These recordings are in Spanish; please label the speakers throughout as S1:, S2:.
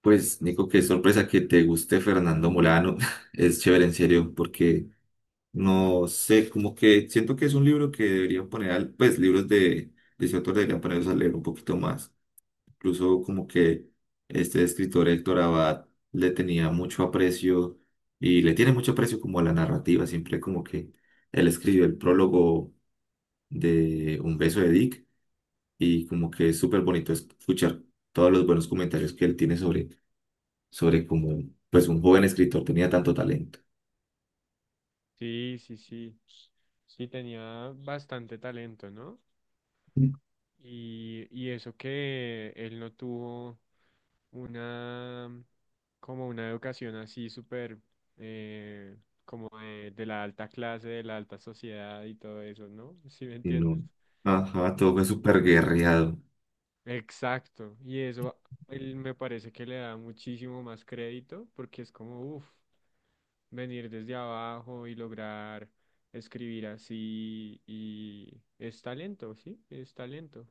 S1: Pues, Nico, qué sorpresa que te guste Fernando Molano. Es chévere, en serio, porque no sé, como que siento que es un libro que deberían poner, pues, libros de ese autor deberían ponerlos a leer un poquito más. Incluso como que este escritor Héctor Abad le tenía mucho aprecio y le tiene mucho aprecio como a la narrativa. Siempre como que él escribió el prólogo de Un beso de Dick y como que es súper bonito escuchar todos los buenos comentarios que él tiene sobre cómo pues un joven escritor tenía tanto talento.
S2: Sí, sí, sí. Sí, tenía bastante talento, ¿no?
S1: Mm.
S2: Y eso que él no tuvo una, como una educación así súper, eh, como de la alta clase, de la alta sociedad y todo eso, ¿no? ¿Sí me
S1: Y no,
S2: entiendes?
S1: ajá, todo fue súper
S2: Entonces,
S1: guerreado.
S2: exacto. Y eso, él me parece que le da muchísimo más crédito porque es como, uff. Venir desde abajo y lograr escribir así y es talento, ¿sí? Es talento.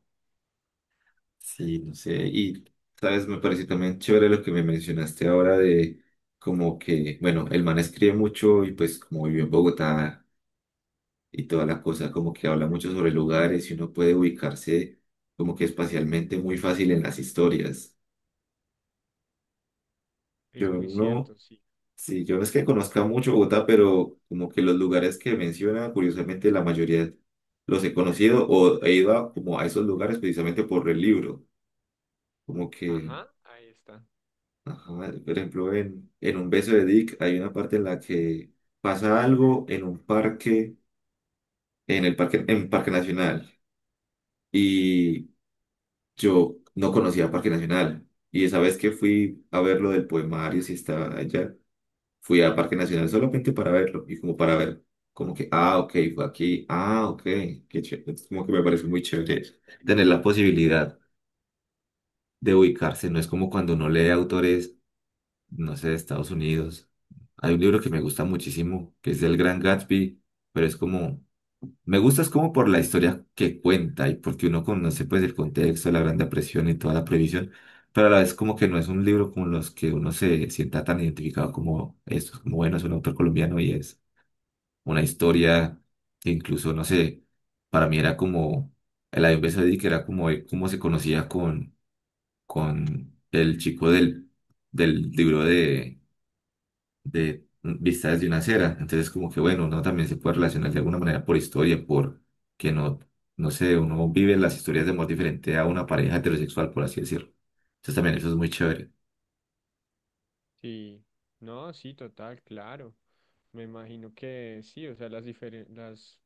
S1: Sí, no sé. Y, ¿sabes? Me pareció también chévere lo que me mencionaste ahora de como que, bueno, el man escribe mucho y pues como vivió en Bogotá y toda la cosa, como que habla mucho sobre lugares y uno puede ubicarse como que espacialmente muy fácil en las historias.
S2: Es
S1: Yo
S2: muy
S1: no
S2: cierto, sí.
S1: Sí, yo no es que conozca mucho Bogotá, pero como que los lugares que menciona, curiosamente la mayoría los he conocido o he ido a, como a esos lugares precisamente por el libro. Como que,
S2: Ajá, ahí está.
S1: ajá, por ejemplo, en Un beso de Dick hay una parte en la que pasa algo en un parque, en el parque, en Parque Nacional. Y yo no conocía Parque Nacional. Y esa vez que fui a ver lo del poemario, si estaba allá. Fui a Parque Nacional solamente para verlo y como para ver, como que, ah, ok, fue aquí, ah, ok, qué chévere. Es como que me parece muy chévere eso, tener la posibilidad de ubicarse. No es como cuando uno lee autores, no sé, de Estados Unidos. Hay un libro que me gusta muchísimo, que es del Gran Gatsby, pero es como, me gusta es como por la historia que cuenta y porque uno conoce pues el contexto, la Gran Depresión y toda la previsión. Pero a la vez como que no es un libro con los que uno se sienta tan identificado como estos, como bueno, es un autor colombiano y es una historia que incluso, no sé, para mí era como el Ayub, que era como cómo se conocía con el chico del libro de Vistas desde una acera. Entonces, como que bueno, uno también se puede relacionar de alguna manera por historia, por que no, no sé, uno vive las historias de amor diferente a una pareja heterosexual, por así decirlo. Entonces, también eso es muy chévere.
S2: Sí, no, sí, total, claro. Me imagino que sí, o sea, las diferen- las,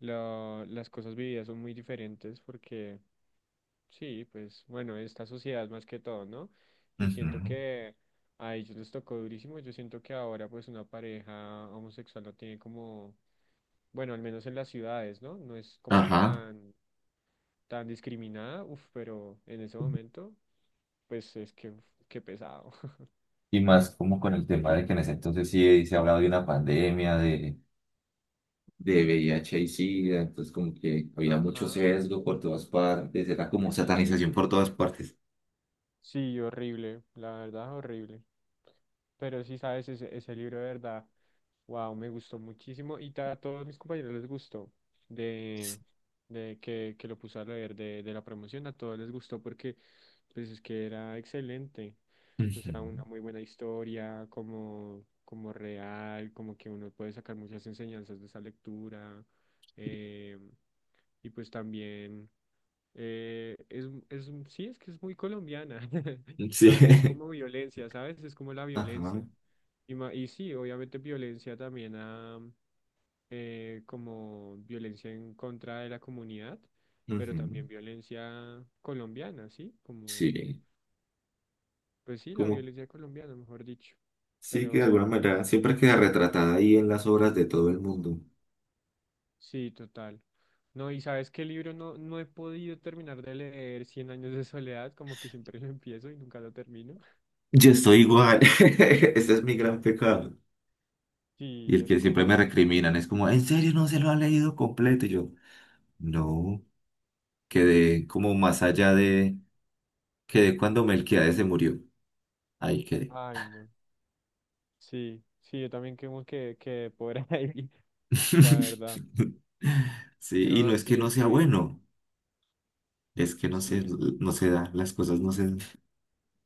S2: la- las cosas vividas son muy diferentes porque sí, pues bueno, esta sociedad más que todo, ¿no? Y
S1: Ujú.
S2: siento que a ellos les tocó durísimo. Yo siento que ahora pues una pareja homosexual no tiene como. Bueno, al menos en las ciudades, ¿no? No es como
S1: Ajá.
S2: tan, discriminada, uf, pero en ese momento, pues es que, uf, qué pesado.
S1: Y más como con el tema de que en ese entonces sí se ha hablado de una pandemia, de VIH y SIDA, entonces como que había mucho
S2: Ajá.
S1: sesgo por todas partes, era como satanización por todas partes.
S2: Sí, horrible, la verdad, horrible. Pero sí, sabes, ese libro de verdad, wow, me gustó muchísimo y a todos mis compañeros les gustó, de, de que lo puse a leer de, la promoción, a todos les gustó porque pues es que era excelente, o sea, una muy buena historia, como real, como que uno puede sacar muchas enseñanzas de esa lectura, eh, y pues también. Es, sí, es que es muy colombiana.
S1: Ujú. Sí,
S2: También es como violencia, ¿sabes? Es como la
S1: ajá,
S2: violencia. Y sí, obviamente violencia también como violencia en contra de la comunidad, pero
S1: ujú.
S2: también violencia colombiana, ¿sí? Como,
S1: Sí,
S2: pues sí, la
S1: como
S2: violencia colombiana, mejor dicho.
S1: sí que de alguna
S2: Pero
S1: manera siempre queda retratada ahí en las obras de todo el mundo.
S2: sí, total. No, y sabes qué libro no, he podido terminar de leer, Cien años de soledad, como que siempre lo empiezo y nunca lo termino.
S1: Yo estoy igual, ese es mi gran pecado. Y
S2: Sí,
S1: el
S2: es
S1: que siempre
S2: como,
S1: me
S2: uff.
S1: recriminan es como, ¿en serio no se lo ha leído completo? Y yo, no, quedé como más allá de, quedé cuando Melquiades se murió, ahí quedé.
S2: Ay, no. Sí, sí, yo también como que, por ahí, la verdad.
S1: Sí, y no
S2: No,
S1: es que
S2: sí,
S1: no
S2: es
S1: sea
S2: que,
S1: bueno, es que
S2: sí,
S1: no se da, las cosas no se dan.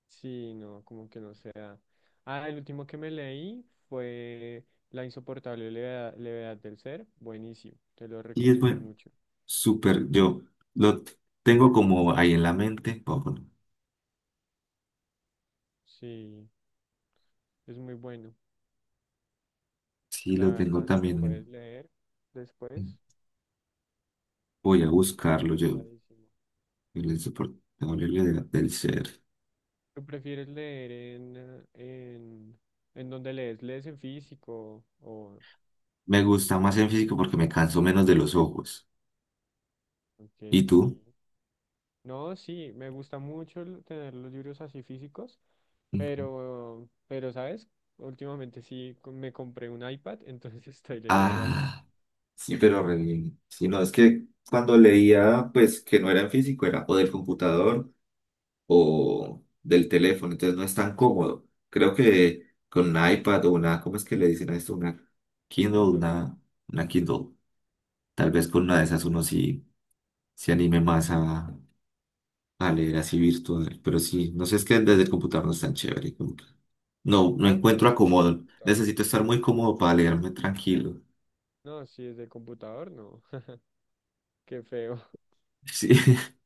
S2: sí, no, como que no sea. Ah, el último que me leí fue La insoportable levedad del ser. Buenísimo, te lo
S1: Y es
S2: recomiendo
S1: bueno,
S2: mucho.
S1: súper, yo lo tengo como ahí en la mente, o bueno,
S2: Sí, es muy bueno,
S1: sí
S2: la
S1: lo tengo
S2: verdad, si lo
S1: también,
S2: puedes leer
S1: en-
S2: después,
S1: voy a buscarlo yo,
S2: recomendadísimo.
S1: el insoportable del ser.
S2: ¿Tú prefieres leer en, eh, en, en, dónde lees? ¿Lees en físico o?
S1: Me gusta más en físico porque me canso menos de los ojos. ¿Y
S2: Ok, sí.
S1: tú?
S2: No, sí, me gusta mucho tener los libros así físicos,
S1: Ujú.
S2: pero, ¿sabes? Últimamente sí me compré un iPad, entonces estoy leyendo ahí.
S1: Ah, sí, pero re bien. Sí, no, es que cuando leía, pues que no era en físico, era o del computador o del teléfono, entonces no es tan cómodo. Creo que con un iPad o una, ¿cómo es que le dicen a esto? Una Kindle,
S2: Kindle.
S1: una Kindle. Tal vez con una de esas uno sí se anime más a leer así virtual, pero sí, no sé, es que desde el computador no es tan chévere, como que no, no
S2: Ah, no,
S1: encuentro
S2: sí, es del
S1: acomodo.
S2: computador.
S1: Necesito estar muy cómodo para leerme tranquilo.
S2: No, sí, es del computador, no. Qué feo.
S1: Sí,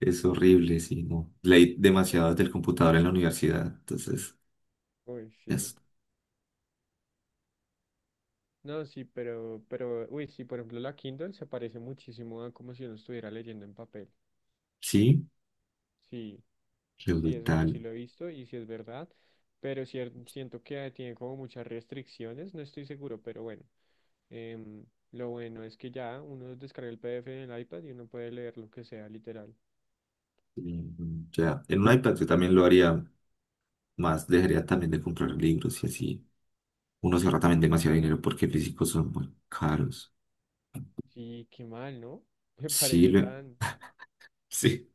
S1: es horrible, sí, no. Leí demasiado desde el
S2: Pero,
S1: computador en la universidad, entonces,
S2: uy, sí.
S1: es-
S2: No, sí, pero, uy, sí, por ejemplo, la Kindle se parece muchísimo a como si uno estuviera leyendo en papel.
S1: sí,
S2: Sí,
S1: qué
S2: sí, eso yo sí
S1: brutal.
S2: lo he visto y sí es verdad, pero siento que tiene como muchas restricciones, no estoy seguro, pero bueno. Em, lo bueno es que ya uno descarga el PDF en el iPad y uno puede leer lo que sea, literal.
S1: Mm, ya, en un iPad yo también lo haría más, dejaría también de comprar libros y así. Uno se ahorra también
S2: Sí.
S1: demasiado dinero porque físicos son muy caros.
S2: Sí, qué mal, ¿no? Me
S1: Sí,
S2: parece
S1: lo-
S2: tan.
S1: sí.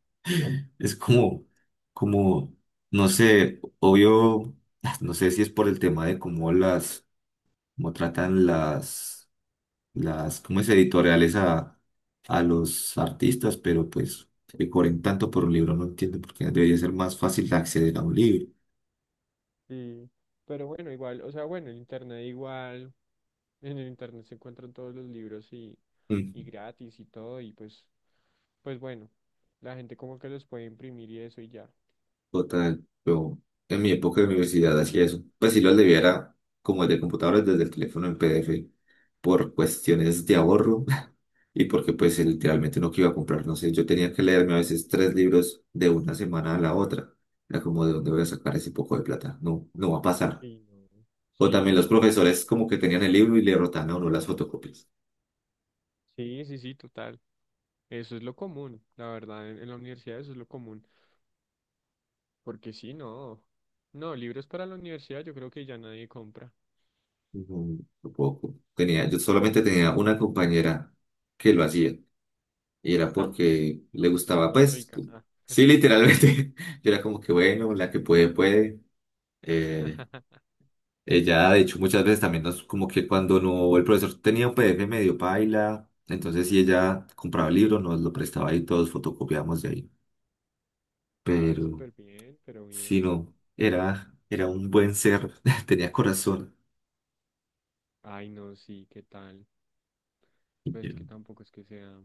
S1: Es como, como, no sé, obvio, no sé si es por el tema de cómo las, cómo tratan ¿cómo es? Editoriales a los artistas, pero pues que cobren tanto por un libro, no entiendo por qué debería ser más fácil de acceder a un libro.
S2: Sí, pero bueno, igual, o sea, bueno, el internet igual, en el internet se encuentran todos los libros y,
S1: Mm.
S2: y gratis y todo, y pues bueno, la gente como que los puede imprimir y eso y ya.
S1: Total, yo en mi época de universidad hacía eso. Pues sí lo aliviara como el de computadores desde el teléfono en PDF por cuestiones de ahorro y porque pues literalmente no que iba a comprar, no sé, yo tenía que leerme a veces tres libros de una semana a la otra. Era como de dónde voy a sacar ese poco de plata. No, no va a pasar.
S2: Sí, no.
S1: O
S2: Sí,
S1: también los
S2: no, no.
S1: profesores como que tenían el libro y le rotaban a uno las fotocopias.
S2: Sí, sí, sí, total. Eso es lo común, la verdad, en la universidad eso es lo común. Porque sí, no. No, libros para la universidad yo creo que ya nadie compra.
S1: No, no puedo. Tenía, yo solamente tenía una compañera que lo hacía. Y era porque le
S2: La
S1: gustaba,
S2: más
S1: pues,
S2: rica. Ah,
S1: sí, literalmente. Yo era como que, bueno, la que puede, puede. Eh, ella, de hecho, muchas veces también nos, como que cuando no, el profesor tenía un PDF medio paila, entonces si ella compraba el libro, nos lo prestaba y todos fotocopiábamos de ahí.
S2: ah,
S1: Pero,
S2: súper bien, pero
S1: si
S2: bien.
S1: no, era, era un buen ser, tenía corazón.
S2: Ay, no, sí, ¿qué tal?
S1: Y
S2: Pues
S1: yo,
S2: que tampoco es que sea.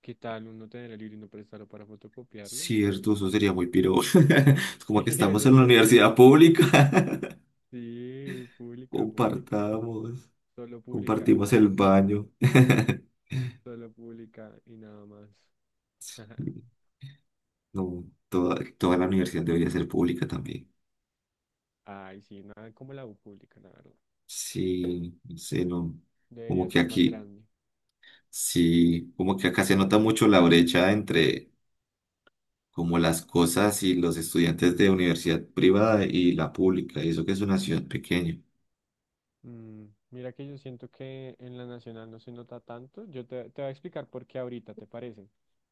S2: ¿Qué tal uno tener el libro y no prestarlo para fotocopiarlo? Me
S1: cierto,
S2: parece
S1: eso
S2: feo.
S1: sería muy piro. Es como
S2: Sí,
S1: que estamos
S2: eso
S1: en la
S2: sí.
S1: universidad pública.
S2: Sí, pública, pública.
S1: Compartamos,
S2: Solo pública.
S1: compartimos
S2: Ah,
S1: el baño.
S2: solo pública y nada más.
S1: Sí, no, toda, toda la universidad debería ser pública también.
S2: Ay, sí, nada como la U pública, la verdad.
S1: Sí, no sé, no. Como
S2: Debería
S1: que
S2: ser más
S1: aquí,
S2: grande.
S1: sí, como que acá se nota mucho la brecha entre como las cosas y los estudiantes de universidad privada y la pública, y eso que es una ciudad pequeña.
S2: Mm, Mira que yo siento que en la nacional no se nota tanto. Yo te, voy a explicar por qué ahorita, ¿te parece?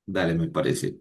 S1: Dale, me parece.